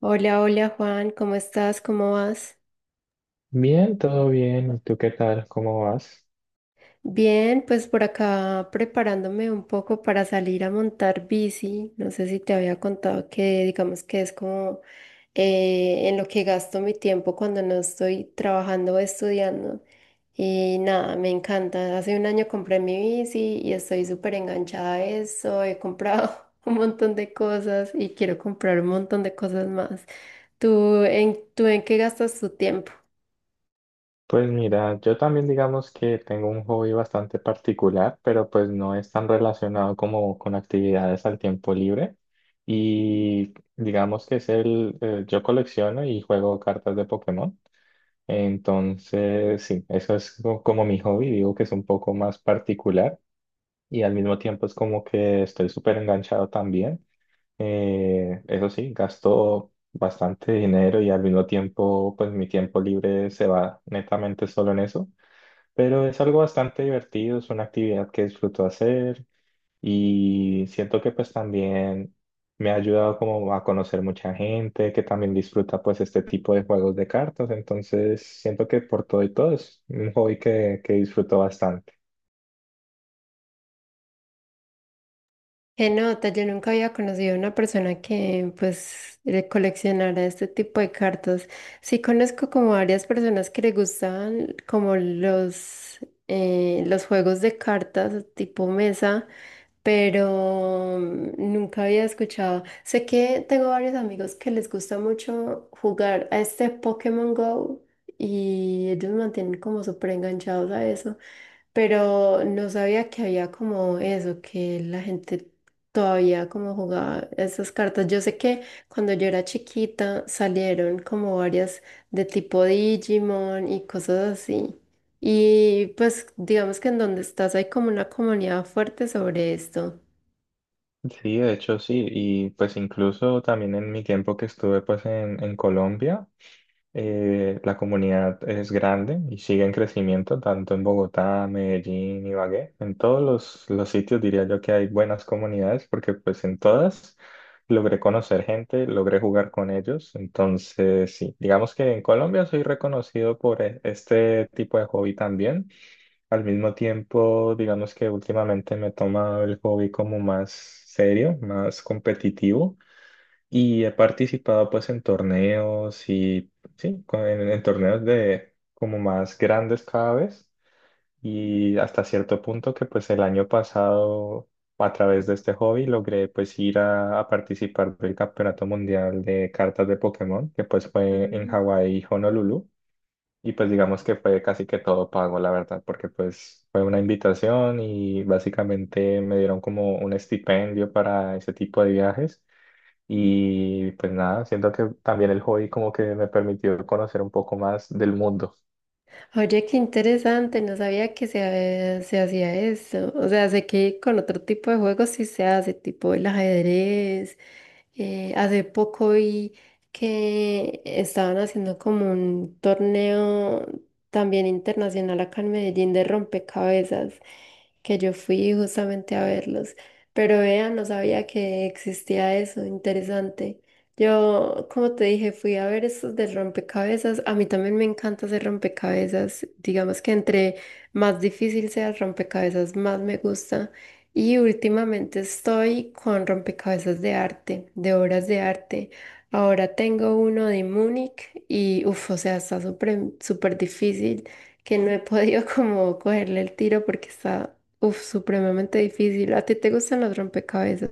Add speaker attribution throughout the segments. Speaker 1: Hola, hola Juan, ¿cómo estás? ¿Cómo vas?
Speaker 2: Bien, todo bien. ¿Y tú qué tal? ¿Cómo vas?
Speaker 1: Bien, pues por acá preparándome un poco para salir a montar bici. No sé si te había contado que digamos que es como en lo que gasto mi tiempo cuando no estoy trabajando o estudiando. Y nada, me encanta. Hace un año compré mi bici y estoy súper enganchada a eso. He comprado un montón de cosas y quiero comprar un montón de cosas más. ¿Tú en qué gastas tu tiempo?
Speaker 2: Pues mira, yo también digamos que tengo un hobby bastante particular, pero pues no es tan relacionado como con actividades al tiempo libre. Y digamos que es yo colecciono y juego cartas de Pokémon. Entonces, sí, como mi hobby. Digo que es un poco más particular y al mismo tiempo es como que estoy súper enganchado también. Eso sí, gasto bastante dinero y al mismo tiempo, pues mi tiempo libre se va netamente solo en eso, pero es algo bastante divertido, es una actividad que disfruto hacer y siento que pues también me ha ayudado como a conocer mucha gente que también disfruta pues este tipo de juegos de cartas, entonces siento que por todo y todo es un hobby que disfruto bastante.
Speaker 1: Qué nota, yo nunca había conocido a una persona que pues coleccionara este tipo de cartas. Sí conozco como varias personas que le gustan como los juegos de cartas tipo mesa, pero nunca había escuchado. Sé que tengo varios amigos que les gusta mucho jugar a este Pokémon Go y ellos mantienen como súper enganchados a eso, pero no sabía que había como eso, que la gente todavía como jugaba esas cartas. Yo sé que cuando yo era chiquita salieron como varias de tipo Digimon y cosas así. Y pues digamos que en donde estás hay como una comunidad fuerte sobre esto.
Speaker 2: Sí, de hecho sí, y pues incluso también en mi tiempo que estuve pues en Colombia. La comunidad es grande y sigue en crecimiento, tanto en Bogotá, Medellín, Ibagué. En todos los sitios diría yo que hay buenas comunidades porque pues en todas logré conocer gente, logré jugar con ellos. Entonces, sí, digamos que en Colombia soy reconocido por este tipo de hobby también. Al mismo tiempo, digamos que últimamente me he tomado el hobby como más serio, más competitivo. Y he participado pues en torneos y sí, en torneos de como más grandes cada vez y hasta cierto punto que pues el año pasado a través de este hobby logré pues ir a participar del Campeonato Mundial de Cartas de Pokémon que pues fue en Hawái, Honolulu, y pues digamos que fue casi que todo pago la verdad porque pues fue una invitación y básicamente me dieron como un estipendio para ese tipo de viajes. Y pues nada, siento que también el hobby como que me permitió conocer un poco más del mundo.
Speaker 1: Oye, qué interesante, no sabía que se hacía eso. O sea, sé que con otro tipo de juegos sí se hace, tipo el ajedrez. Hace poco vi que estaban haciendo como un torneo también internacional acá en Medellín de rompecabezas, que yo fui justamente a verlos. Pero vean, no sabía que existía eso, interesante. Yo, como te dije, fui a ver estos del rompecabezas. A mí también me encanta hacer rompecabezas. Digamos que entre más difícil sea el rompecabezas, más me gusta. Y últimamente estoy con rompecabezas de arte, de obras de arte. Ahora tengo uno de Múnich y, uff, o sea, está súper, súper difícil que no he podido como cogerle el tiro porque está, uff, supremamente difícil. ¿A ti te gustan los rompecabezas?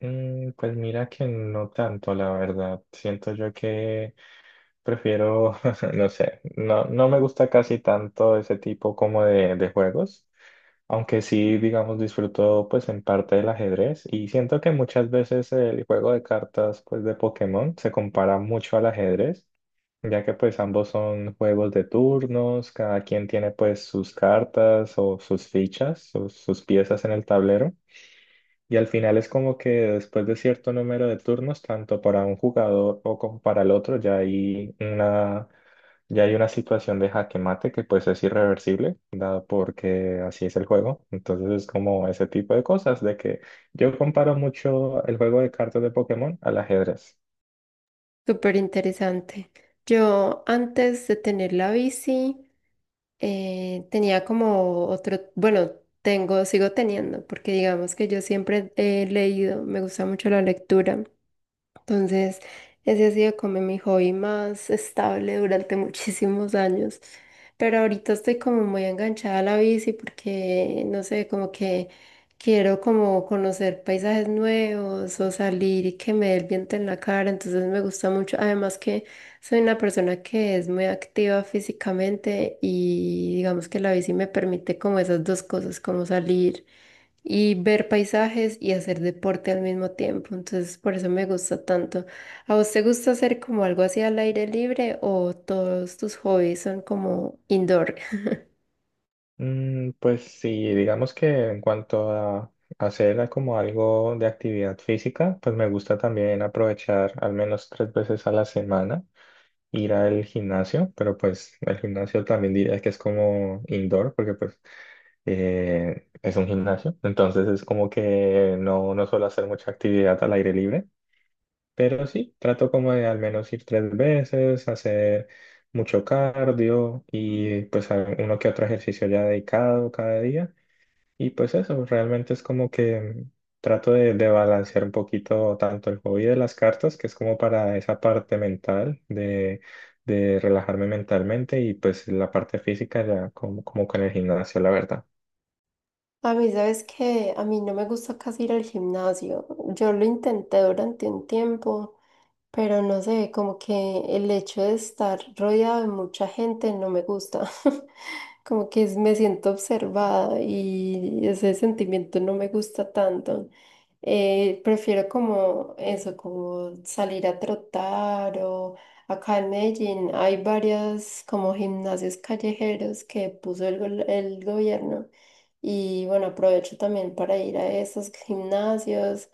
Speaker 2: Mm, pues mira que no tanto, la verdad. Siento yo que prefiero, no sé, no me gusta casi tanto ese tipo como de juegos. Aunque sí, digamos, disfruto pues en parte del ajedrez y siento que muchas veces el juego de cartas pues de Pokémon se compara mucho al ajedrez ya que pues ambos son juegos de turnos, cada quien tiene pues sus cartas o sus fichas o sus piezas en el tablero. Y al final es como que después de cierto número de turnos, tanto para un jugador o como para el otro, ya hay una situación de jaque mate que pues es irreversible, dado porque así es el juego. Entonces es como ese tipo de cosas, de que yo comparo mucho el juego de cartas de Pokémon al ajedrez.
Speaker 1: Súper interesante. Yo antes de tener la bici, tenía como otro, bueno, tengo, sigo teniendo, porque digamos que yo siempre he leído, me gusta mucho la lectura. Entonces, ese ha sido como mi hobby más estable durante muchísimos años. Pero ahorita estoy como muy enganchada a la bici porque, no sé, como que quiero como conocer paisajes nuevos o salir y que me dé el viento en la cara. Entonces me gusta mucho. Además que soy una persona que es muy activa físicamente y digamos que la bici me permite como esas dos cosas, como salir y ver paisajes y hacer deporte al mismo tiempo. Entonces, por eso me gusta tanto. ¿A vos te gusta hacer como algo así al aire libre o todos tus hobbies son como indoor?
Speaker 2: Mm, pues sí, digamos que en cuanto a hacer como algo de actividad física, pues me gusta también aprovechar al menos tres veces a la semana ir al gimnasio, pero pues el gimnasio también diría que es como indoor, porque pues es un gimnasio, entonces es como que no, no suelo hacer mucha actividad al aire libre, pero sí, trato como de al menos ir tres veces, hacer mucho cardio y pues uno que otro ejercicio ya dedicado cada día. Y pues eso, realmente es como que trato de balancear un poquito tanto el hobby de las cartas, que es como para esa parte mental de relajarme mentalmente, y pues la parte física ya como, como con el gimnasio, la verdad.
Speaker 1: A mí, sabes que a mí no me gusta casi ir al gimnasio. Yo lo intenté durante un tiempo, pero no sé, como que el hecho de estar rodeado de mucha gente no me gusta. Como que me siento observada y ese sentimiento no me gusta tanto. Prefiero como eso, como salir a trotar o acá en Medellín hay varias como gimnasios callejeros que puso el gobierno y bueno, aprovecho también para ir a esos gimnasios.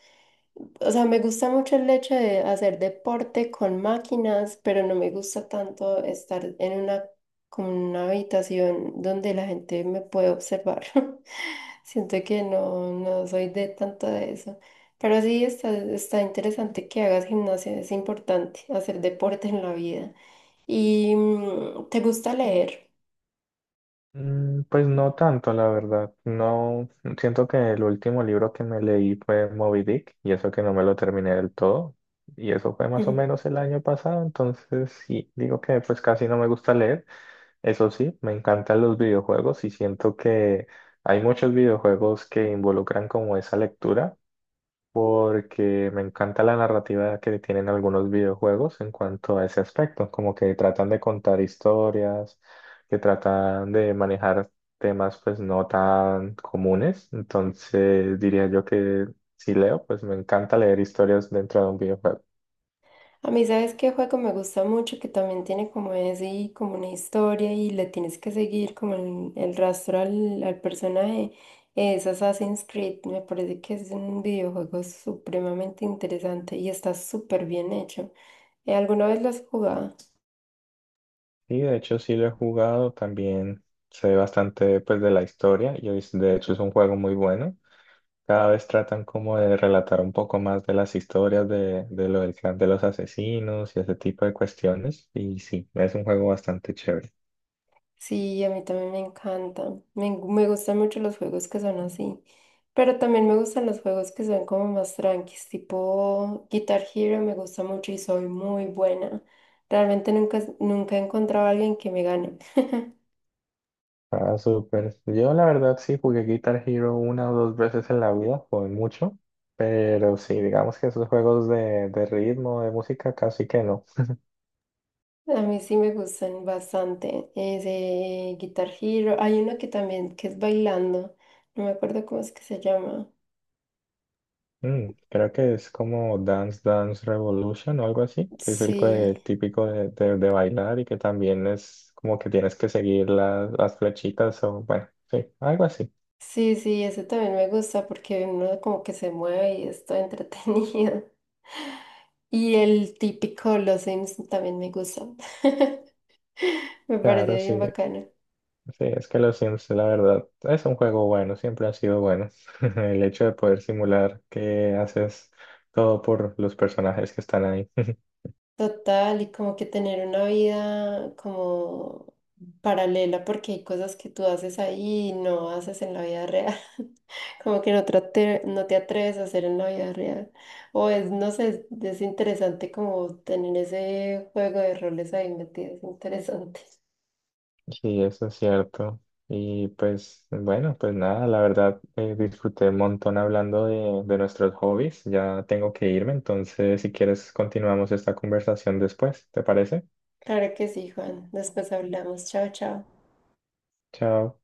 Speaker 1: O sea, me gusta mucho el hecho de hacer deporte con máquinas, pero no me gusta tanto estar en una, como en una habitación donde la gente me puede observar. Siento que no, no soy de tanto de eso. Pero sí está, está interesante que hagas gimnasia, es importante hacer deporte en la vida. ¿Y te gusta leer?
Speaker 2: Mm, pues no tanto, la verdad. No, siento que el último libro que me leí fue Moby Dick y eso que no me lo terminé del todo. Y eso fue más o menos el año pasado, entonces sí, digo que pues casi no me gusta leer. Eso sí, me encantan los videojuegos y siento que hay muchos videojuegos que involucran como esa lectura porque me encanta la narrativa que tienen algunos videojuegos en cuanto a ese aspecto, como que tratan de contar historias, que tratan de manejar temas pues no tan comunes, entonces diría yo que si leo, pues me encanta leer historias dentro de un videojuego.
Speaker 1: A mí, ¿sabes qué juego me gusta mucho? Que también tiene como ese, y como una historia y le tienes que seguir como el rastro al personaje. Es Assassin's Creed. Me parece que es un videojuego supremamente interesante y está súper bien hecho. ¿Alguna vez lo has jugado?
Speaker 2: Sí, de hecho sí lo he jugado, también sé bastante pues de la historia de hecho es un juego muy bueno. Cada vez tratan como de relatar un poco más de las historias de lo del clan de los asesinos y ese tipo de cuestiones. Y sí, es un juego bastante chévere.
Speaker 1: Sí, a mí también me encanta. Me gustan mucho los juegos que son así. Pero también me gustan los juegos que son como más tranquis, tipo Guitar Hero me gusta mucho y soy muy buena. Realmente nunca, nunca he encontrado a alguien que me gane.
Speaker 2: Ah, súper. Yo la verdad sí jugué Guitar Hero una o dos veces en la vida, jugué mucho, pero sí, digamos que esos juegos de ritmo, de música, casi que no.
Speaker 1: A mí sí me gustan bastante. Ese Guitar Hero. Hay uno que también, que es bailando. No me acuerdo cómo es que se llama.
Speaker 2: Mm, creo que es como Dance Dance Revolution o algo así, que es el, que-
Speaker 1: Sí,
Speaker 2: el típico de bailar y que también es como que tienes que seguir las flechitas o bueno, sí, algo así.
Speaker 1: sí, sí, ese también me gusta porque uno como que se mueve y está entretenido. Y el típico los Sims también me gusta. Me
Speaker 2: Claro,
Speaker 1: parece bien
Speaker 2: sí,
Speaker 1: bacano.
Speaker 2: sí, es que los Sims, la verdad, es un juego bueno, siempre ha sido bueno. El hecho de poder simular que haces todo por los personajes que están ahí.
Speaker 1: Total, y como que tener una vida como paralela, porque hay cosas que tú haces ahí y no haces en la vida real. Como que no, no te atreves a hacer en la vida real. O es, no sé, es interesante como tener ese juego de roles ahí metido. Es interesante.
Speaker 2: Sí, eso es cierto. Y pues bueno, pues nada, la verdad disfruté un montón hablando de nuestros hobbies. Ya tengo que irme, entonces si quieres continuamos esta conversación después, ¿te parece?
Speaker 1: Claro que sí, Juan. Después hablamos. Chao, chao.
Speaker 2: Chao.